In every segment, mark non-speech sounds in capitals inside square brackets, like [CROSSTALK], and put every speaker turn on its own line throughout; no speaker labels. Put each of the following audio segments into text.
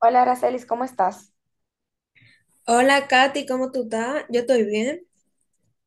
Hola, Aracelis, ¿cómo estás?
Hola Katy, ¿cómo tú estás? Yo estoy bien.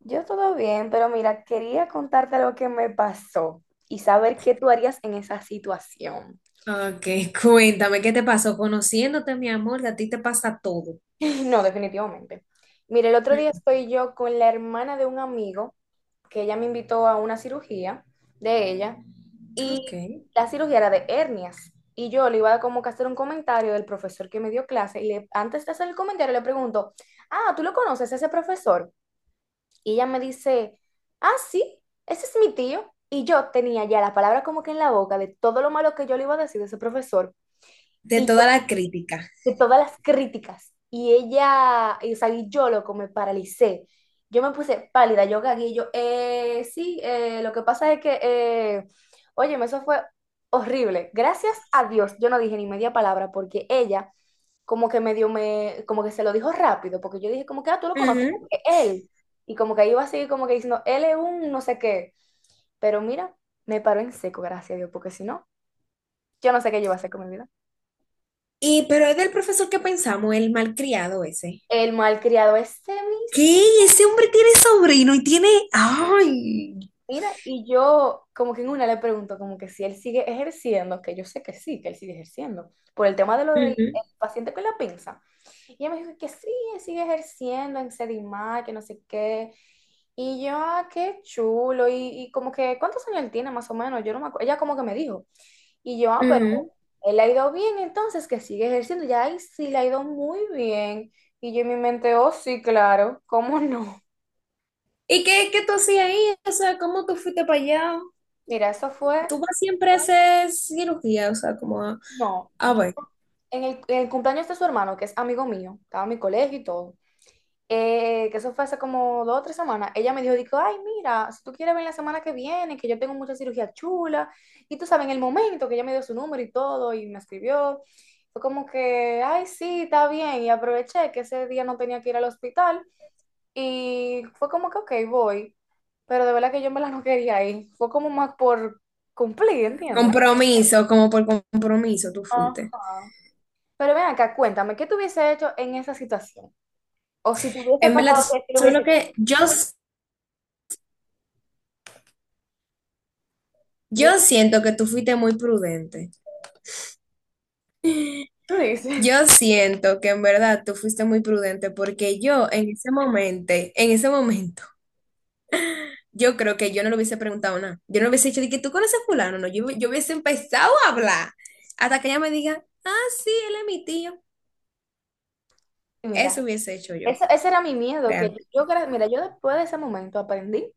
Yo todo bien, pero mira, quería contarte lo que me pasó y saber qué tú harías en esa situación.
Ok, [LAUGHS] cuéntame, ¿qué te pasó? Conociéndote, mi amor, a ti te pasa todo.
[LAUGHS] No, definitivamente. Mira, el otro día
Mm.
estoy yo con la hermana de un amigo que ella me invitó a una cirugía de ella
Ok.
y la cirugía era de hernias y yo le iba a como que a hacer un comentario del profesor que me dio clase y antes de hacer el comentario le pregunto, ah, ¿tú lo conoces ese profesor? Y ella me dice, ah, sí, ese es mi tío. Y yo tenía ya la palabra como que en la boca de todo lo malo que yo le iba a decir de ese profesor.
De
Y
toda la crítica.
de todas las críticas. Y ella, y, o sea, y yo loco, me paralicé. Yo me puse pálida, yo gagué, y yo, sí, lo que pasa es que, óyeme, eso fue horrible. Gracias a Dios, yo no dije ni media palabra porque ella como que medio me, como que se lo dijo rápido, porque yo dije como que, ah, tú lo conoces, como
Ujú.
que él. Y como que ahí iba a seguir como que diciendo, él es un no sé qué. Pero mira, me paró en seco, gracias a Dios, porque si no, yo no sé qué yo iba a hacer con mi vida.
Y, pero es del profesor que pensamos, el malcriado ese.
El malcriado este mis.
¿Qué? Ese hombre tiene sobrino y tiene... ¡Ay!
Mira, y yo como que en una le pregunto como que si él sigue ejerciendo, que yo sé que sí, que él sigue ejerciendo, por el tema de lo del
Ujú,
el paciente con la pinza. Y ella me dijo que sí, él sigue ejerciendo en Sedimar, que no sé qué. Y yo, ah, qué chulo. Y como que, ¿cuántos años él tiene más o menos? Yo no me acuerdo. Ella como que me dijo. Y yo, ah, pero
ujú.
él ha ido bien, entonces que sigue ejerciendo. Ya ahí sí le ha ido muy bien. Y yo en mi mente, oh, sí, claro, ¿cómo no?
¿Y qué tú hacías ahí? O sea, ¿cómo tú fuiste para allá?
Mira, eso fue,
Tú vas siempre a hacer cirugía, o sea, como a,
no,
a
yo
ver,
en el cumpleaños de su hermano, que es amigo mío, estaba en mi colegio y todo, que eso fue hace como dos o tres semanas, ella me dijo, dijo, ay, mira, si tú quieres venir la semana que viene, que yo tengo mucha cirugía chula, y tú sabes, en el momento que ella me dio su número y todo, y me escribió, fue como que, ay, sí, está bien, y aproveché que ese día no tenía que ir al hospital, y fue como que, ok, voy, pero de verdad que yo me la no quería ir, fue como más por cumplir, ¿entiendes?
compromiso, como por compromiso tú
Ajá.
fuiste.
Pero ven acá, cuéntame, ¿qué tú hubiese hecho en esa situación? O si te hubiese
En verdad,
pasado
tú
que te lo
sabes lo
hubiese...
que yo
Dime.
siento que tú fuiste muy prudente.
Tú dices.
Yo siento que en verdad tú fuiste muy prudente porque yo en ese momento, yo creo que yo no le hubiese preguntado nada. Yo no le hubiese dicho de que tú conoces a fulano, no, yo hubiese empezado a hablar hasta que ella me diga, ah, sí, él es mi tío.
Mira,
Eso hubiese hecho yo,
ese era mi miedo,
real.
que yo, mira, yo después de ese momento aprendí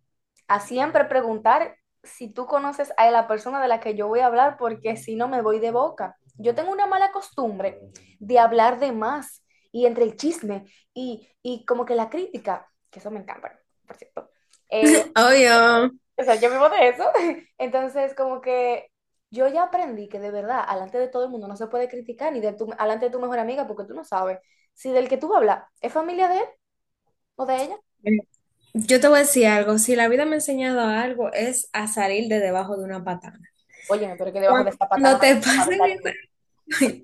a siempre preguntar si tú conoces a la persona de la que yo voy a hablar, porque si no me voy de boca. Yo tengo una mala costumbre de hablar de más y entre el chisme y como que la crítica, que eso me encanta, por cierto. eh,
Obvio.
O sea, yo vivo de eso. [LAUGHS] Entonces, como que yo ya aprendí que de verdad, alante de todo el mundo no se puede criticar, ni de tu, alante de tu mejor amiga, porque tú no sabes si del que tú hablas es familia de él o de ella.
Yo te voy a decir algo, si la vida me ha enseñado algo es a salir de debajo de una patana.
Óyeme, pero que debajo de esa patana
Cuando
una
te
persona, de
pasen
tal y
esa, [LAUGHS]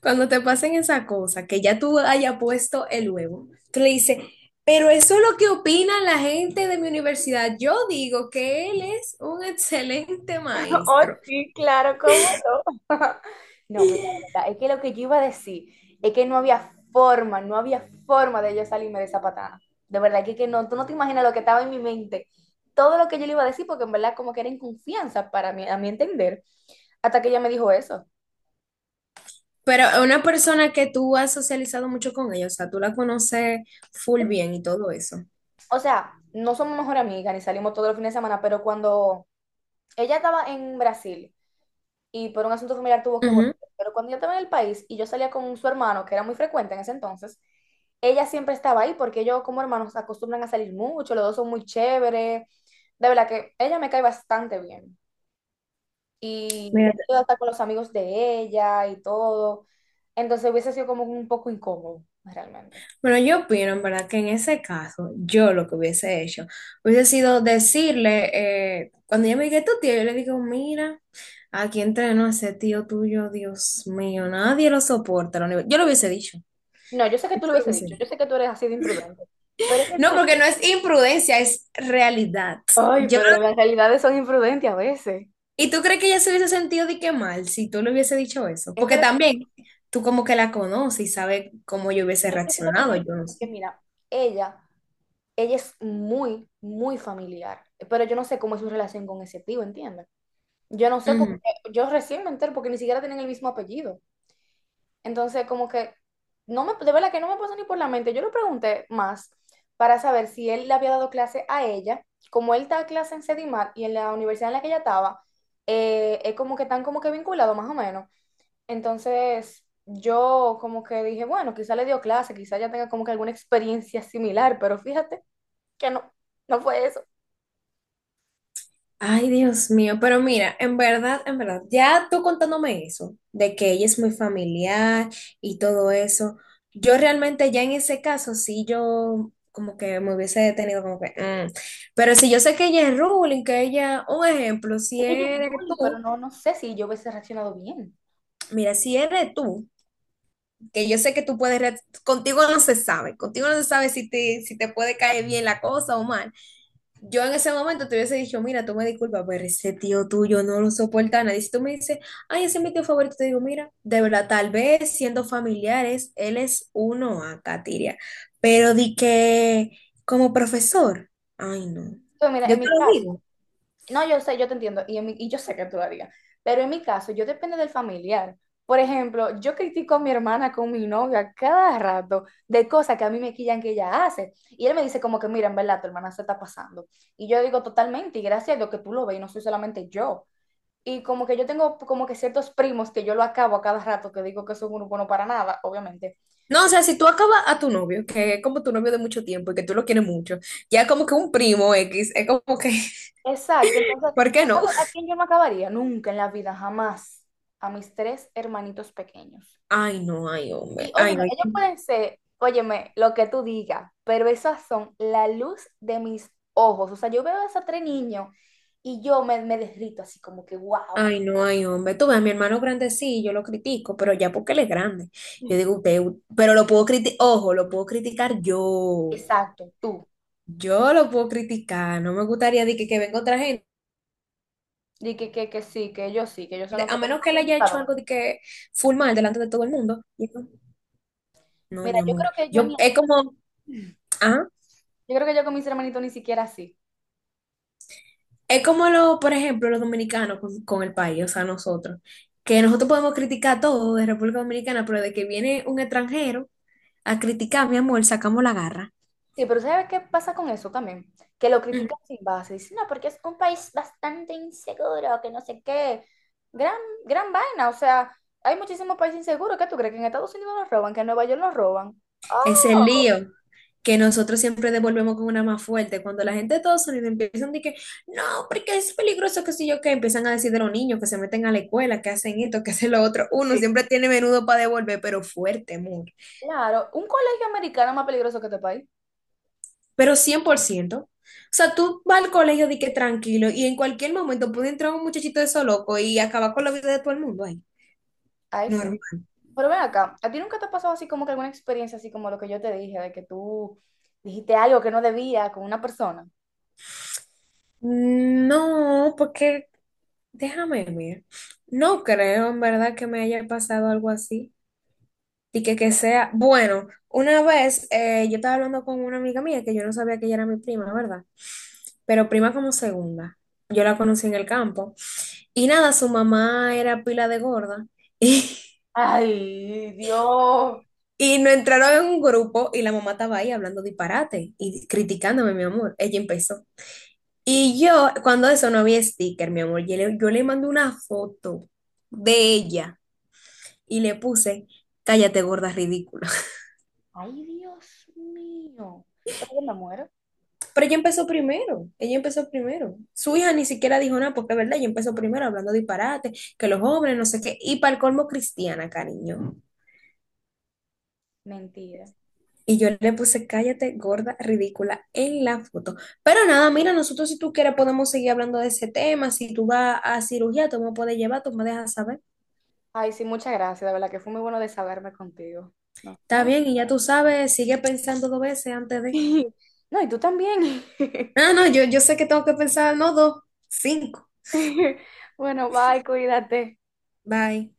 cuando te pasen esa cosa, que ya tú hayas puesto el huevo, tú le dices, pero eso es lo que opina la gente de mi universidad. Yo digo que él es un excelente
[LAUGHS] Oh,
maestro,
sí, claro, cómo no. [LAUGHS] No, mira, la verdad, es que lo que yo iba a decir es que no había forma, no había forma de yo salirme de esa patada. De verdad que no, tú no te imaginas lo que estaba en mi mente. Todo lo que yo le iba a decir, porque en verdad como que era inconfianza para mí, a mi entender, hasta que ella me dijo eso.
pero es una persona que tú has socializado mucho con ella, o sea, tú la conoces full bien y todo eso.
O sea, no somos mejor amigas ni salimos todos los fines de semana, pero cuando ella estaba en Brasil y por un asunto familiar tuvo que volver.
Ujú.
Pero cuando yo estaba en el país y yo salía con su hermano, que era muy frecuente en ese entonces, ella siempre estaba ahí porque ellos como hermanos acostumbran a salir mucho, los dos son muy chéveres. De verdad que ella me cae bastante bien. Y
Mira.
he ido hasta con los amigos de ella y todo. Entonces hubiese sido como un poco incómodo, realmente.
Bueno, yo opino, en verdad, que en ese caso, yo lo que hubiese hecho hubiese sido decirle, cuando ella me diga tu tío, yo le digo, mira, aquí entreno a ese tío tuyo, Dios mío, nadie lo soporta. Yo lo hubiese dicho.
No, yo sé que
Yo
tú lo
lo
hubiese
hubiese
dicho,
dicho.
yo sé que tú eres así de imprudente. Pero es que
No,
dime
porque no
tú.
es imprudencia, es realidad.
Ay,
Yo,
pero
no,
las realidades son imprudentes a veces.
¿y tú crees que ella se hubiese sentido de qué mal si tú le hubiese dicho eso?
Es que
Porque
lo que,
también
es
tú como que la conoces y sabes cómo yo hubiese
que eso es lo que ella...
reaccionado, yo no
Es que
sé.
mira, ella ella es muy, muy familiar, pero yo no sé cómo es su relación con ese tío, ¿entiendes? Yo no sé porque yo recién me entero porque ni siquiera tienen el mismo apellido. Entonces, como que no me, de verdad que no me pasó ni por la mente. Yo le pregunté más para saber si él le había dado clase a ella, como él está clase en Sedimar y en la universidad en la que ella estaba, es como que están como que vinculados más o menos. Entonces, yo como que dije, bueno, quizá le dio clase, quizá ya tenga como que alguna experiencia similar, pero fíjate que no, no fue eso.
Ay, Dios mío, pero mira, en verdad, ya tú contándome eso, de que ella es muy familiar y todo eso, yo realmente ya en ese caso sí yo como que, me hubiese detenido como que, mm. Pero si yo sé que ella es ruling, que ella, un ejemplo, si
Es que yo es
eres
Luli, pero
tú,
no, no sé si yo hubiese reaccionado bien.
mira, si eres tú, que yo sé que tú puedes, contigo no se sabe, contigo no se sabe si te puede caer bien la cosa o mal. Yo en ese momento te hubiese dicho, mira, tú me disculpas, pero ese tío tuyo no lo soporta a nadie. Si tú me dices, ay, ese es mi tío favorito, te digo, mira, de verdad, tal vez siendo familiares, él es uno a Katiria, pero di que como profesor, ay, no,
Entonces, mira,
yo
en
te
mi
lo
caso,
digo.
no, yo sé, yo te entiendo, y, y yo sé que tú lo harías, pero en mi caso, yo depende del familiar. Por ejemplo, yo critico a mi hermana con mi novia cada rato de cosas que a mí me quillan que ella hace. Y él me dice como que, mira, en verdad, tu hermana se está pasando. Y yo digo totalmente, y gracias a Dios que tú lo ves, y no soy solamente yo. Y como que yo tengo como que ciertos primos que yo lo acabo a cada rato, que digo que son unos buenos para nada, obviamente.
No, o sea, si tú acabas a tu novio, que es como tu novio de mucho tiempo y que tú lo quieres mucho, ya como que un primo X, es como que, [LAUGHS]
Exacto, entonces,
¿por qué no?
¿sabes a quién yo me acabaría? Nunca en la vida, jamás. A mis tres hermanitos pequeños.
Ay, no, ay,
Y
hombre, ay,
óyeme, ellos
no.
pueden ser, óyeme, lo que tú digas, pero esas son la luz de mis ojos. O sea, yo veo a esos tres niños y yo me, me derrito así como que, wow,
Ay, no, ay, hombre. Tú ves, mi hermano grande sí, yo lo critico, pero ya porque él es grande. Yo digo, usted, pero lo puedo criticar, ojo, lo puedo criticar yo.
exacto, tú.
Yo lo puedo criticar. No me gustaría de que, venga otra gente,
Y que sí, que ellos son los que
a
los más
menos que él haya hecho algo
criticadores.
de que full mal delante de todo el mundo. Yo no, no,
Mira,
mi
yo creo
amor.
que yo
Yo,
ni,
es como, ah,
yo creo que yo con mis hermanitos ni siquiera así.
es como lo, por ejemplo, los dominicanos con el país, o sea, nosotros, que nosotros podemos criticar todo de República Dominicana, pero de que viene un extranjero a criticar, mi amor, sacamos la garra.
Sí, pero ¿sabes qué pasa con eso también? Que lo critican sin base. Dicen, no, porque es un país bastante inseguro, que no sé qué. Gran, gran vaina. O sea, hay muchísimos países inseguros. ¿Qué tú crees? ¿Que en Estados Unidos nos roban? ¿Que en Nueva York nos roban?
Es el
Oh,
lío que nosotros siempre devolvemos con una más fuerte. Cuando la gente de Estados Unidos empiezan a decir que no, porque es peligroso, que si yo, que empiezan a decir de los niños que se meten a la escuela, que hacen esto, que hacen lo otro. Uno
sí,
siempre tiene menudo para devolver, pero fuerte, amor.
claro. ¿Un colegio americano es más peligroso que este país?
Pero 100%. O sea, tú vas al colegio de que tranquilo y en cualquier momento puede entrar un muchachito de eso loco y acabar con la vida de todo el mundo ahí.
Ahí sí.
Normal.
Pero ven acá, ¿a ti nunca te ha pasado así como que alguna experiencia así como lo que yo te dije, de que tú dijiste algo que no debía con una persona?
No, porque déjame ver. No creo en verdad que me haya pasado algo así. Y que sea, bueno, una vez yo estaba hablando con una amiga mía que yo no sabía que ella era mi prima, ¿verdad? Pero prima como segunda. Yo la conocí en el campo. Y nada, su mamá era pila de gorda. [LAUGHS] Y,
Ay, Dios.
y nos entraron en un grupo y la mamá estaba ahí hablando disparate y criticándome, mi amor. Ella empezó. Y yo, cuando eso no había sticker, mi amor, yo le mandé una foto de ella y le puse, cállate, gorda ridícula.
Ay, Dios mío. Pero yo me muero.
Pero ella empezó primero, ella empezó primero. Su hija ni siquiera dijo nada, porque es verdad, ella empezó primero hablando disparate, que los jóvenes, no sé qué, y para el colmo cristiana, cariño.
Mentira.
Y yo le puse, cállate, gorda, ridícula, en la foto. Pero nada, mira, nosotros si tú quieres podemos seguir hablando de ese tema, si tú vas a cirugía, tú me puedes llevar, tú me dejas saber.
Ay, sí, muchas gracias, de verdad que fue muy bueno desahogarme contigo. Nos
Está
vemos.
bien, y ya tú sabes, sigue pensando dos veces antes de...
[LAUGHS] No, y tú también. [LAUGHS]
Ah, no, yo sé que tengo que pensar, no dos, cinco.
Bueno, bye, cuídate.
Bye.